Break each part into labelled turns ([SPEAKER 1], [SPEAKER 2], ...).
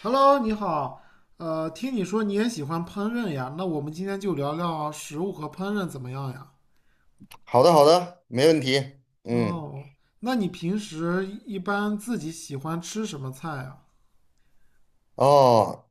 [SPEAKER 1] Hello，你好。听你说你也喜欢烹饪呀，那我们今天就聊聊食物和烹饪怎么样呀？
[SPEAKER 2] 好的，好的，没问题。嗯，
[SPEAKER 1] 哦，那你平时一般自己喜欢吃什么菜呀？
[SPEAKER 2] 哦，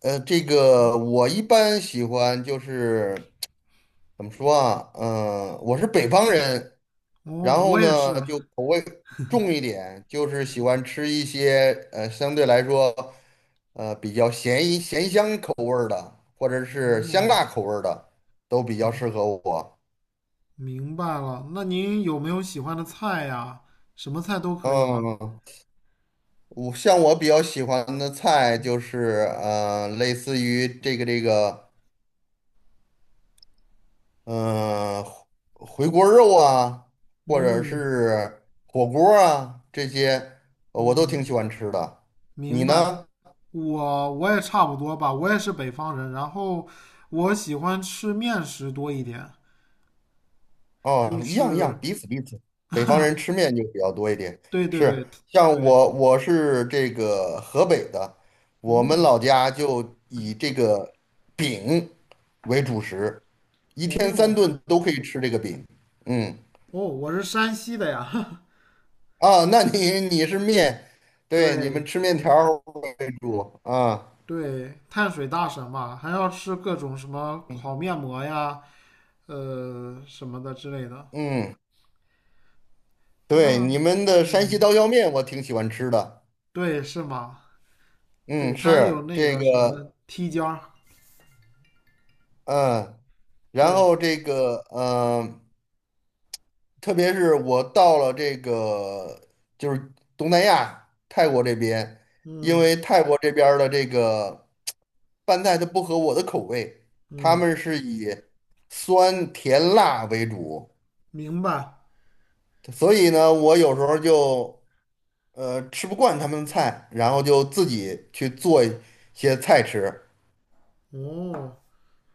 [SPEAKER 2] 这个我一般喜欢就是怎么说啊？嗯、我是北方人，然
[SPEAKER 1] 哦，
[SPEAKER 2] 后
[SPEAKER 1] 我也是。
[SPEAKER 2] 呢就口味重一点，就是喜欢吃一些相对来说比较咸一咸香口味儿的，或者是香
[SPEAKER 1] 哦，
[SPEAKER 2] 辣口味儿的，都比较
[SPEAKER 1] 嗯
[SPEAKER 2] 适合我。
[SPEAKER 1] 明白了。那您有没有喜欢的菜呀？什么菜都可以吗？
[SPEAKER 2] 嗯，我像比较喜欢的菜就是类似于这个。嗯、回锅肉啊，或者
[SPEAKER 1] 嗯
[SPEAKER 2] 是火锅啊，这些我都
[SPEAKER 1] 嗯，
[SPEAKER 2] 挺喜欢吃的。
[SPEAKER 1] 明
[SPEAKER 2] 你
[SPEAKER 1] 白。
[SPEAKER 2] 呢？
[SPEAKER 1] 我也差不多吧，我也是北方人，然后我喜欢吃面食多一点，就
[SPEAKER 2] 哦，一样一样，
[SPEAKER 1] 是。
[SPEAKER 2] 彼此彼此。北方人 吃面就比较多一点，
[SPEAKER 1] 对对对
[SPEAKER 2] 是像
[SPEAKER 1] 对，
[SPEAKER 2] 我是这个河北的，我们
[SPEAKER 1] 嗯，
[SPEAKER 2] 老家就以这个饼为主食，一天三
[SPEAKER 1] 哦
[SPEAKER 2] 顿都可以吃这个饼。嗯
[SPEAKER 1] 哦，我是山西的呀，
[SPEAKER 2] 啊，那你是面，对，你们
[SPEAKER 1] 对
[SPEAKER 2] 吃面条儿为主啊。
[SPEAKER 1] 对，碳水大神嘛，还要吃各种什么
[SPEAKER 2] 嗯
[SPEAKER 1] 烤面膜呀，什么的之类的。
[SPEAKER 2] 嗯，对，你
[SPEAKER 1] 那，
[SPEAKER 2] 们的山西
[SPEAKER 1] 嗯，
[SPEAKER 2] 刀削面我挺喜欢吃的。
[SPEAKER 1] 对，是吗？对，
[SPEAKER 2] 嗯，
[SPEAKER 1] 它还有
[SPEAKER 2] 是
[SPEAKER 1] 那
[SPEAKER 2] 这
[SPEAKER 1] 个什么
[SPEAKER 2] 个，
[SPEAKER 1] 梯间儿，
[SPEAKER 2] 嗯，然
[SPEAKER 1] 对，
[SPEAKER 2] 后这个，特别是我到了这个就是东南亚泰国这边，因
[SPEAKER 1] 嗯
[SPEAKER 2] 为泰国这边儿的这个拌菜它不合我的口味，他
[SPEAKER 1] 嗯，
[SPEAKER 2] 们是以酸甜辣为主，
[SPEAKER 1] 明白。
[SPEAKER 2] 所以呢，我有时候就吃不惯他们的菜，然后就自己去做一些菜吃。
[SPEAKER 1] 哦，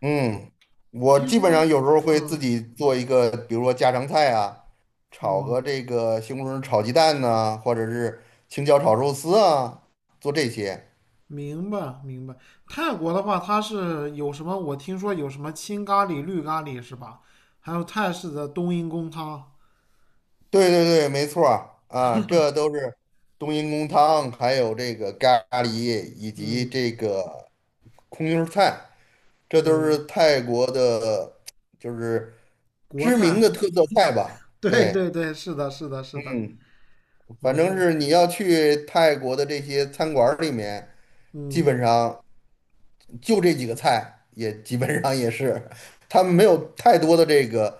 [SPEAKER 2] 嗯，我
[SPEAKER 1] 听
[SPEAKER 2] 基本上
[SPEAKER 1] 说，
[SPEAKER 2] 有时候会自
[SPEAKER 1] 嗯。
[SPEAKER 2] 己做一个，比如说家常菜啊，炒
[SPEAKER 1] 嗯，
[SPEAKER 2] 个这个西红柿炒鸡蛋呐、或者是青椒炒肉丝啊，做这些。
[SPEAKER 1] 明白明白。泰国的话，它是有什么？我听说有什么青咖喱、绿咖喱是吧？还有泰式的冬阴功汤。
[SPEAKER 2] 对对对，没错儿啊，这都是冬阴功汤，还有这个咖喱以及
[SPEAKER 1] 嗯，
[SPEAKER 2] 这个空心儿菜。这都是
[SPEAKER 1] 对，
[SPEAKER 2] 泰国的，就是
[SPEAKER 1] 国
[SPEAKER 2] 知名
[SPEAKER 1] 菜。
[SPEAKER 2] 的特色菜吧？
[SPEAKER 1] 对
[SPEAKER 2] 对，
[SPEAKER 1] 对对，是的，是的，是的。
[SPEAKER 2] 嗯，反正
[SPEAKER 1] 哦，
[SPEAKER 2] 是你要去泰国的这些餐馆儿里面，基
[SPEAKER 1] 嗯
[SPEAKER 2] 本上就这几个菜，也基本上也是，他们没有太多的这个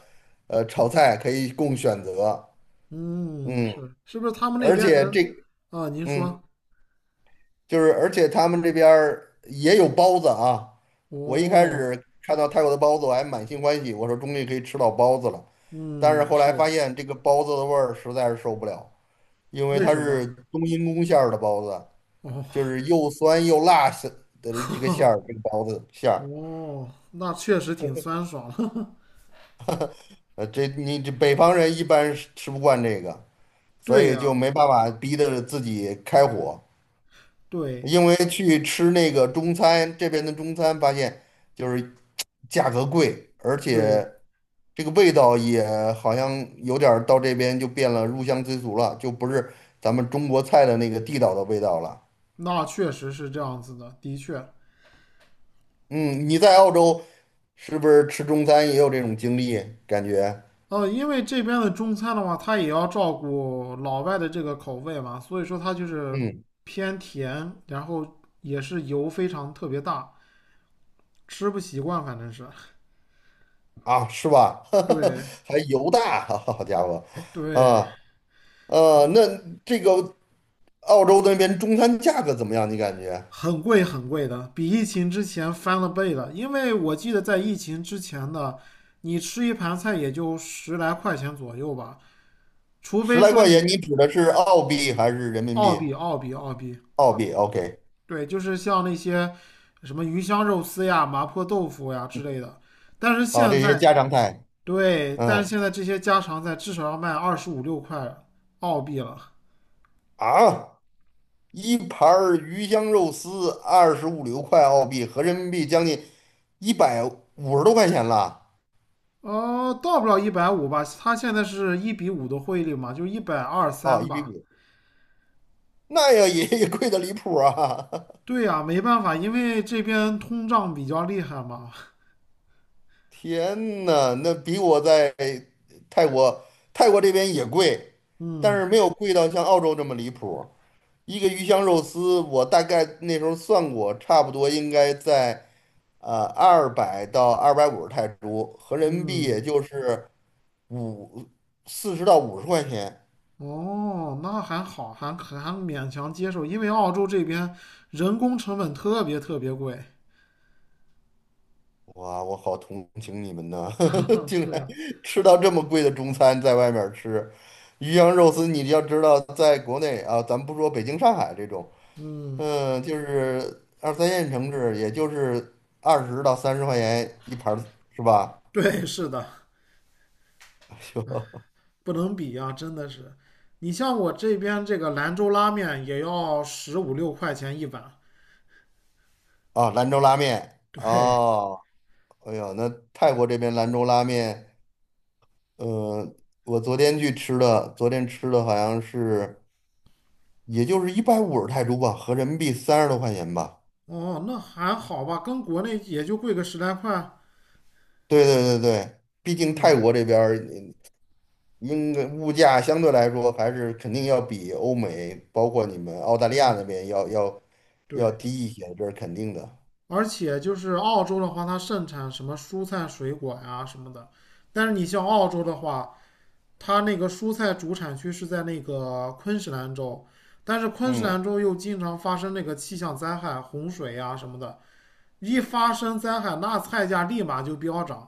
[SPEAKER 2] 炒菜可以供选择。
[SPEAKER 1] 嗯，
[SPEAKER 2] 嗯，
[SPEAKER 1] 是不是他们那
[SPEAKER 2] 而
[SPEAKER 1] 边
[SPEAKER 2] 且
[SPEAKER 1] 人
[SPEAKER 2] 这，
[SPEAKER 1] 啊？您
[SPEAKER 2] 嗯。
[SPEAKER 1] 说
[SPEAKER 2] 就是而且他们这边儿也有包子啊。我一开
[SPEAKER 1] 哦，
[SPEAKER 2] 始看到泰国的包子，我还满心欢喜，我说终于可以吃到包子了。但是
[SPEAKER 1] 嗯，
[SPEAKER 2] 后来发
[SPEAKER 1] 是
[SPEAKER 2] 现这个包子的味儿实在是受不了，因为
[SPEAKER 1] 为
[SPEAKER 2] 它
[SPEAKER 1] 什
[SPEAKER 2] 是
[SPEAKER 1] 么？
[SPEAKER 2] 冬阴功馅儿的包子，
[SPEAKER 1] 哦
[SPEAKER 2] 就是又酸又辣是的这个馅 儿，这个包子馅儿。
[SPEAKER 1] 哦，那确实挺酸爽的。
[SPEAKER 2] 这你这北方人一般是吃不惯这个，所
[SPEAKER 1] 对
[SPEAKER 2] 以就
[SPEAKER 1] 呀，
[SPEAKER 2] 没办法逼着自己开火。
[SPEAKER 1] 对
[SPEAKER 2] 因为去吃那个中餐，这边的中餐发现就是价格贵，而
[SPEAKER 1] 对。
[SPEAKER 2] 且这个味道也好像有点儿到这边就变了入乡随俗了，就不是咱们中国菜的那个地道的味道了。
[SPEAKER 1] 那确实是这样子的，的确。
[SPEAKER 2] 嗯，你在澳洲是不是吃中餐也有这种经历？感觉，
[SPEAKER 1] 因为这边的中餐的话，它也要照顾老外的这个口味嘛，所以说它就是
[SPEAKER 2] 嗯，
[SPEAKER 1] 偏甜，然后也是油非常特别大，吃不习惯，反正是。
[SPEAKER 2] 啊，是吧？
[SPEAKER 1] 对
[SPEAKER 2] 还油大，好家伙，
[SPEAKER 1] 对，
[SPEAKER 2] 啊，那这个澳洲那边中餐价格怎么样？你感觉
[SPEAKER 1] 很贵很贵的，比疫情之前翻了倍了。因为我记得在疫情之前的，你吃一盘菜也就十来块钱左右吧，除
[SPEAKER 2] 十
[SPEAKER 1] 非
[SPEAKER 2] 来
[SPEAKER 1] 说
[SPEAKER 2] 块钱，
[SPEAKER 1] 你
[SPEAKER 2] 你指的是澳币还是人民
[SPEAKER 1] 澳
[SPEAKER 2] 币？
[SPEAKER 1] 币，澳币，澳币。
[SPEAKER 2] 澳币，OK,
[SPEAKER 1] 对，就是像那些什么鱼香肉丝呀、麻婆豆腐呀之类的。但是
[SPEAKER 2] 啊，
[SPEAKER 1] 现
[SPEAKER 2] 这些
[SPEAKER 1] 在
[SPEAKER 2] 家
[SPEAKER 1] 你，
[SPEAKER 2] 常菜，
[SPEAKER 1] 对，但是
[SPEAKER 2] 嗯。
[SPEAKER 1] 现在这些家常菜至少要卖二十五六块澳币了。
[SPEAKER 2] 啊，一盘儿鱼香肉丝25、6块澳币，合人民币将近150多块钱了
[SPEAKER 1] 哦，到不了150吧，它现在是1:5的汇率嘛，就一百二
[SPEAKER 2] 啊，
[SPEAKER 1] 三
[SPEAKER 2] 一比
[SPEAKER 1] 吧。
[SPEAKER 2] 五，那要也贵的离谱啊！
[SPEAKER 1] 对呀，没办法，因为这边通胀比较厉害嘛。
[SPEAKER 2] 天呐，那比我在泰国泰国这边也贵，但
[SPEAKER 1] 嗯
[SPEAKER 2] 是没有贵到像澳洲这么离谱。一个鱼香肉丝，我大概那时候算过，差不多应该在200到250泰铢，合人民币也
[SPEAKER 1] 嗯，
[SPEAKER 2] 就是。五40到50块钱，
[SPEAKER 1] 哦，那还好，还勉强接受，因为澳洲这边人工成本特别特别贵。
[SPEAKER 2] 哇，我好同情你们呐，竟
[SPEAKER 1] 是
[SPEAKER 2] 然
[SPEAKER 1] 呀。
[SPEAKER 2] 吃到这么贵的中餐，在外面儿吃鱼香肉丝，你要知道，在国内啊，咱不说北京、上海这种，
[SPEAKER 1] 嗯，
[SPEAKER 2] 就是二三线城市，也就是20到30块钱一盘儿是吧？
[SPEAKER 1] 对，是的，不能比呀，真的是。你像我这边这个兰州拉面也要十五六块钱一碗，
[SPEAKER 2] 啊，兰州拉面
[SPEAKER 1] 对，
[SPEAKER 2] 哦，哎呦，那泰国这边兰州拉面，呃，我昨天去吃的，昨天吃的好像是。也就是150泰铢吧，合人民币30多块钱吧。
[SPEAKER 1] 哦，那还好吧，跟国内也就贵个十来块。
[SPEAKER 2] 对对对对，毕竟泰
[SPEAKER 1] 嗯
[SPEAKER 2] 国这边儿应该物价相对来说还是肯定要比欧美，包括你们澳大利亚
[SPEAKER 1] 嗯，
[SPEAKER 2] 那边要
[SPEAKER 1] 对，
[SPEAKER 2] 低一些，这是肯定的。
[SPEAKER 1] 而且就是澳洲的话，它盛产什么蔬菜、水果呀什么的，但是你像澳洲的话，它那个蔬菜主产区是在那个昆士兰州，但是昆士
[SPEAKER 2] 嗯，
[SPEAKER 1] 兰州又经常发生那个气象灾害、洪水呀什么的，一发生灾害，那菜价立马就飙涨。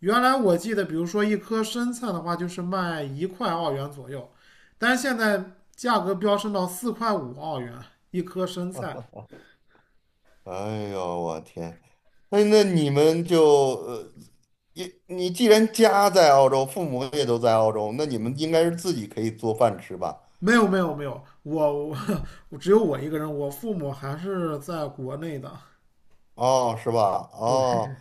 [SPEAKER 1] 原来我记得，比如说一颗生菜的话，就是卖1澳元左右，但是现在价格飙升到4.5澳元一颗生菜。
[SPEAKER 2] 哎呦我天，那你们就你你既然家在澳洲，父母也都在澳洲，那你们应该是自己可以做饭吃吧？
[SPEAKER 1] 没有没有没有，我只有我一个人，我父母还是在国内的。
[SPEAKER 2] 哦，是吧？
[SPEAKER 1] 对，
[SPEAKER 2] 哦。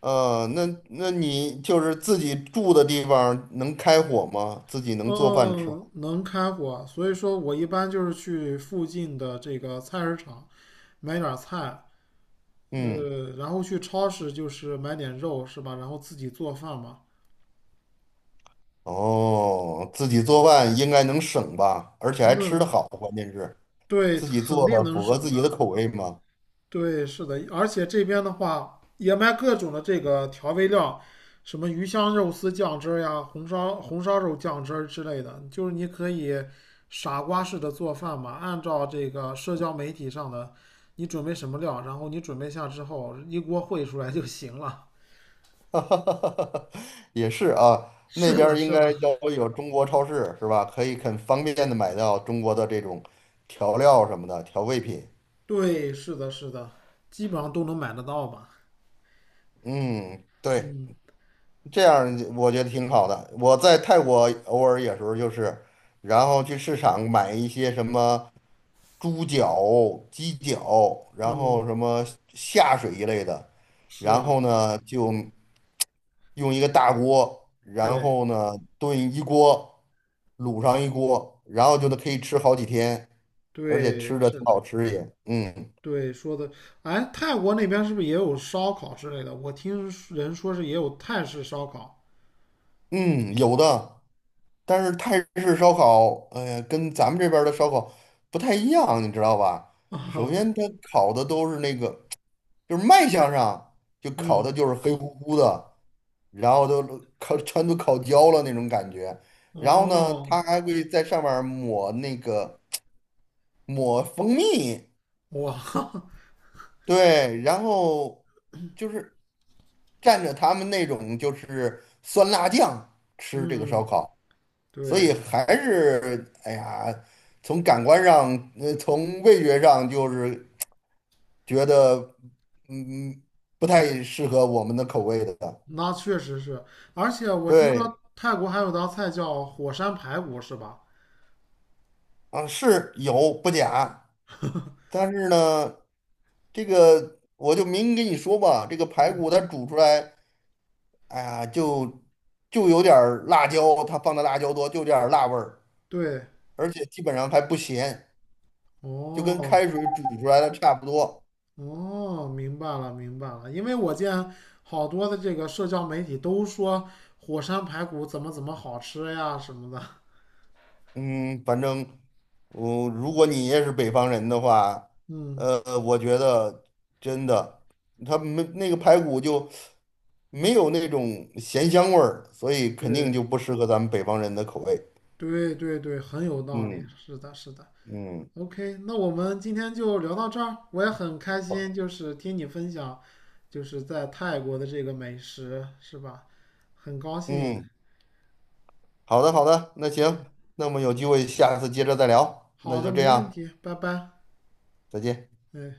[SPEAKER 2] 那那你就是自己住的地方能开火吗？自己能做饭吃吗？
[SPEAKER 1] 嗯，能开火，所以说我一般就是去附近的这个菜市场买点儿菜，
[SPEAKER 2] 嗯，
[SPEAKER 1] 然后去超市就是买点肉是吧？然后自己做饭嘛。
[SPEAKER 2] 哦，自己做饭应该能省吧，而且还
[SPEAKER 1] 那
[SPEAKER 2] 吃得好，关键是
[SPEAKER 1] 对，
[SPEAKER 2] 自己
[SPEAKER 1] 肯
[SPEAKER 2] 做
[SPEAKER 1] 定
[SPEAKER 2] 的
[SPEAKER 1] 能
[SPEAKER 2] 符合
[SPEAKER 1] 省
[SPEAKER 2] 自己的
[SPEAKER 1] 的。
[SPEAKER 2] 口味吗？
[SPEAKER 1] 对，是的，而且这边的话也卖各种的这个调味料，什么鱼香肉丝酱汁儿呀、红烧肉酱汁儿之类的，就是你可以傻瓜式的做饭嘛，按照这个社交媒体上的，你准备什么料，然后你准备下之后一锅烩出来就行了。
[SPEAKER 2] 哈哈哈哈也是啊，那
[SPEAKER 1] 是
[SPEAKER 2] 边
[SPEAKER 1] 的，
[SPEAKER 2] 儿应
[SPEAKER 1] 是的，
[SPEAKER 2] 该都有中国超市是吧？可以很方便的买到中国的这种调料什么的调味品。
[SPEAKER 1] 对，是的，是的，基本上都能买得到吧。
[SPEAKER 2] 嗯，对。
[SPEAKER 1] 嗯
[SPEAKER 2] 这样我觉得挺好的。我在泰国偶尔有时候就是，然后去市场买一些什么猪脚、鸡脚，然
[SPEAKER 1] 嗯，
[SPEAKER 2] 后什么下水一类的，
[SPEAKER 1] 是
[SPEAKER 2] 然
[SPEAKER 1] 啊，
[SPEAKER 2] 后呢就用一个大锅，然
[SPEAKER 1] 对，
[SPEAKER 2] 后呢炖一锅，卤上一锅，然后就能
[SPEAKER 1] 嗯
[SPEAKER 2] 可以吃好几天，而且吃
[SPEAKER 1] 对，
[SPEAKER 2] 着
[SPEAKER 1] 是
[SPEAKER 2] 挺
[SPEAKER 1] 的，
[SPEAKER 2] 好吃也，嗯
[SPEAKER 1] 对，说的，哎，泰国那边是不是也有烧烤之类的？我听人说是也有泰式烧烤
[SPEAKER 2] 嗯，有的。但是泰式烧烤，哎呀，跟咱们这边儿的烧烤不太一样，你知道吧？首
[SPEAKER 1] 啊，
[SPEAKER 2] 先，它烤的都是那个，就是卖相上就烤的
[SPEAKER 1] 嗯，
[SPEAKER 2] 就是黑乎乎的，然后都烤全都烤焦了那种感觉。然后呢，它
[SPEAKER 1] 哦，
[SPEAKER 2] 还会在上面儿抹那个抹蜂蜜，
[SPEAKER 1] 哇，
[SPEAKER 2] 对，然后就是蘸着他们那种就是酸辣酱吃这个烧
[SPEAKER 1] 嗯，
[SPEAKER 2] 烤。所
[SPEAKER 1] 对，
[SPEAKER 2] 以还是哎呀，从感官上，从味觉上，就是觉得嗯不太适合我们的口味的。
[SPEAKER 1] 那确实是，而且我听
[SPEAKER 2] 对，
[SPEAKER 1] 说泰国还有道菜叫火山排骨，是吧？
[SPEAKER 2] 啊，是有不假，但是呢，这个我就明跟你说吧，这个排
[SPEAKER 1] 嗯，
[SPEAKER 2] 骨它煮出来，哎呀，就有点儿辣椒，它放的辣椒多，就有点儿辣味儿，
[SPEAKER 1] 对，
[SPEAKER 2] 而且基本上还不咸，就跟
[SPEAKER 1] 哦。
[SPEAKER 2] 开水煮出来的差不多。
[SPEAKER 1] 哦，明白了，明白了。因为我见好多的这个社交媒体都说火山排骨怎么怎么好吃呀什么的。
[SPEAKER 2] 嗯，反正我、如果你也是北方人的话，
[SPEAKER 1] 嗯，
[SPEAKER 2] 我觉得真的，他没那个排骨就没有那种咸香味儿，所以肯定
[SPEAKER 1] 对，
[SPEAKER 2] 就不适合咱们北方人的口味。
[SPEAKER 1] 对对对，很有道理。
[SPEAKER 2] 嗯
[SPEAKER 1] 是的，是的。
[SPEAKER 2] 嗯
[SPEAKER 1] OK，那我们今天就聊到这儿。我也很开心，就是听你分享，就是在泰国的这个美食，是吧？很高兴。
[SPEAKER 2] 嗯，好的好的，那
[SPEAKER 1] 对，
[SPEAKER 2] 行，那我们有机会下次接着再聊，
[SPEAKER 1] 好
[SPEAKER 2] 那
[SPEAKER 1] 的，
[SPEAKER 2] 就这
[SPEAKER 1] 没问
[SPEAKER 2] 样，
[SPEAKER 1] 题，拜拜。
[SPEAKER 2] 再见。
[SPEAKER 1] 嗯。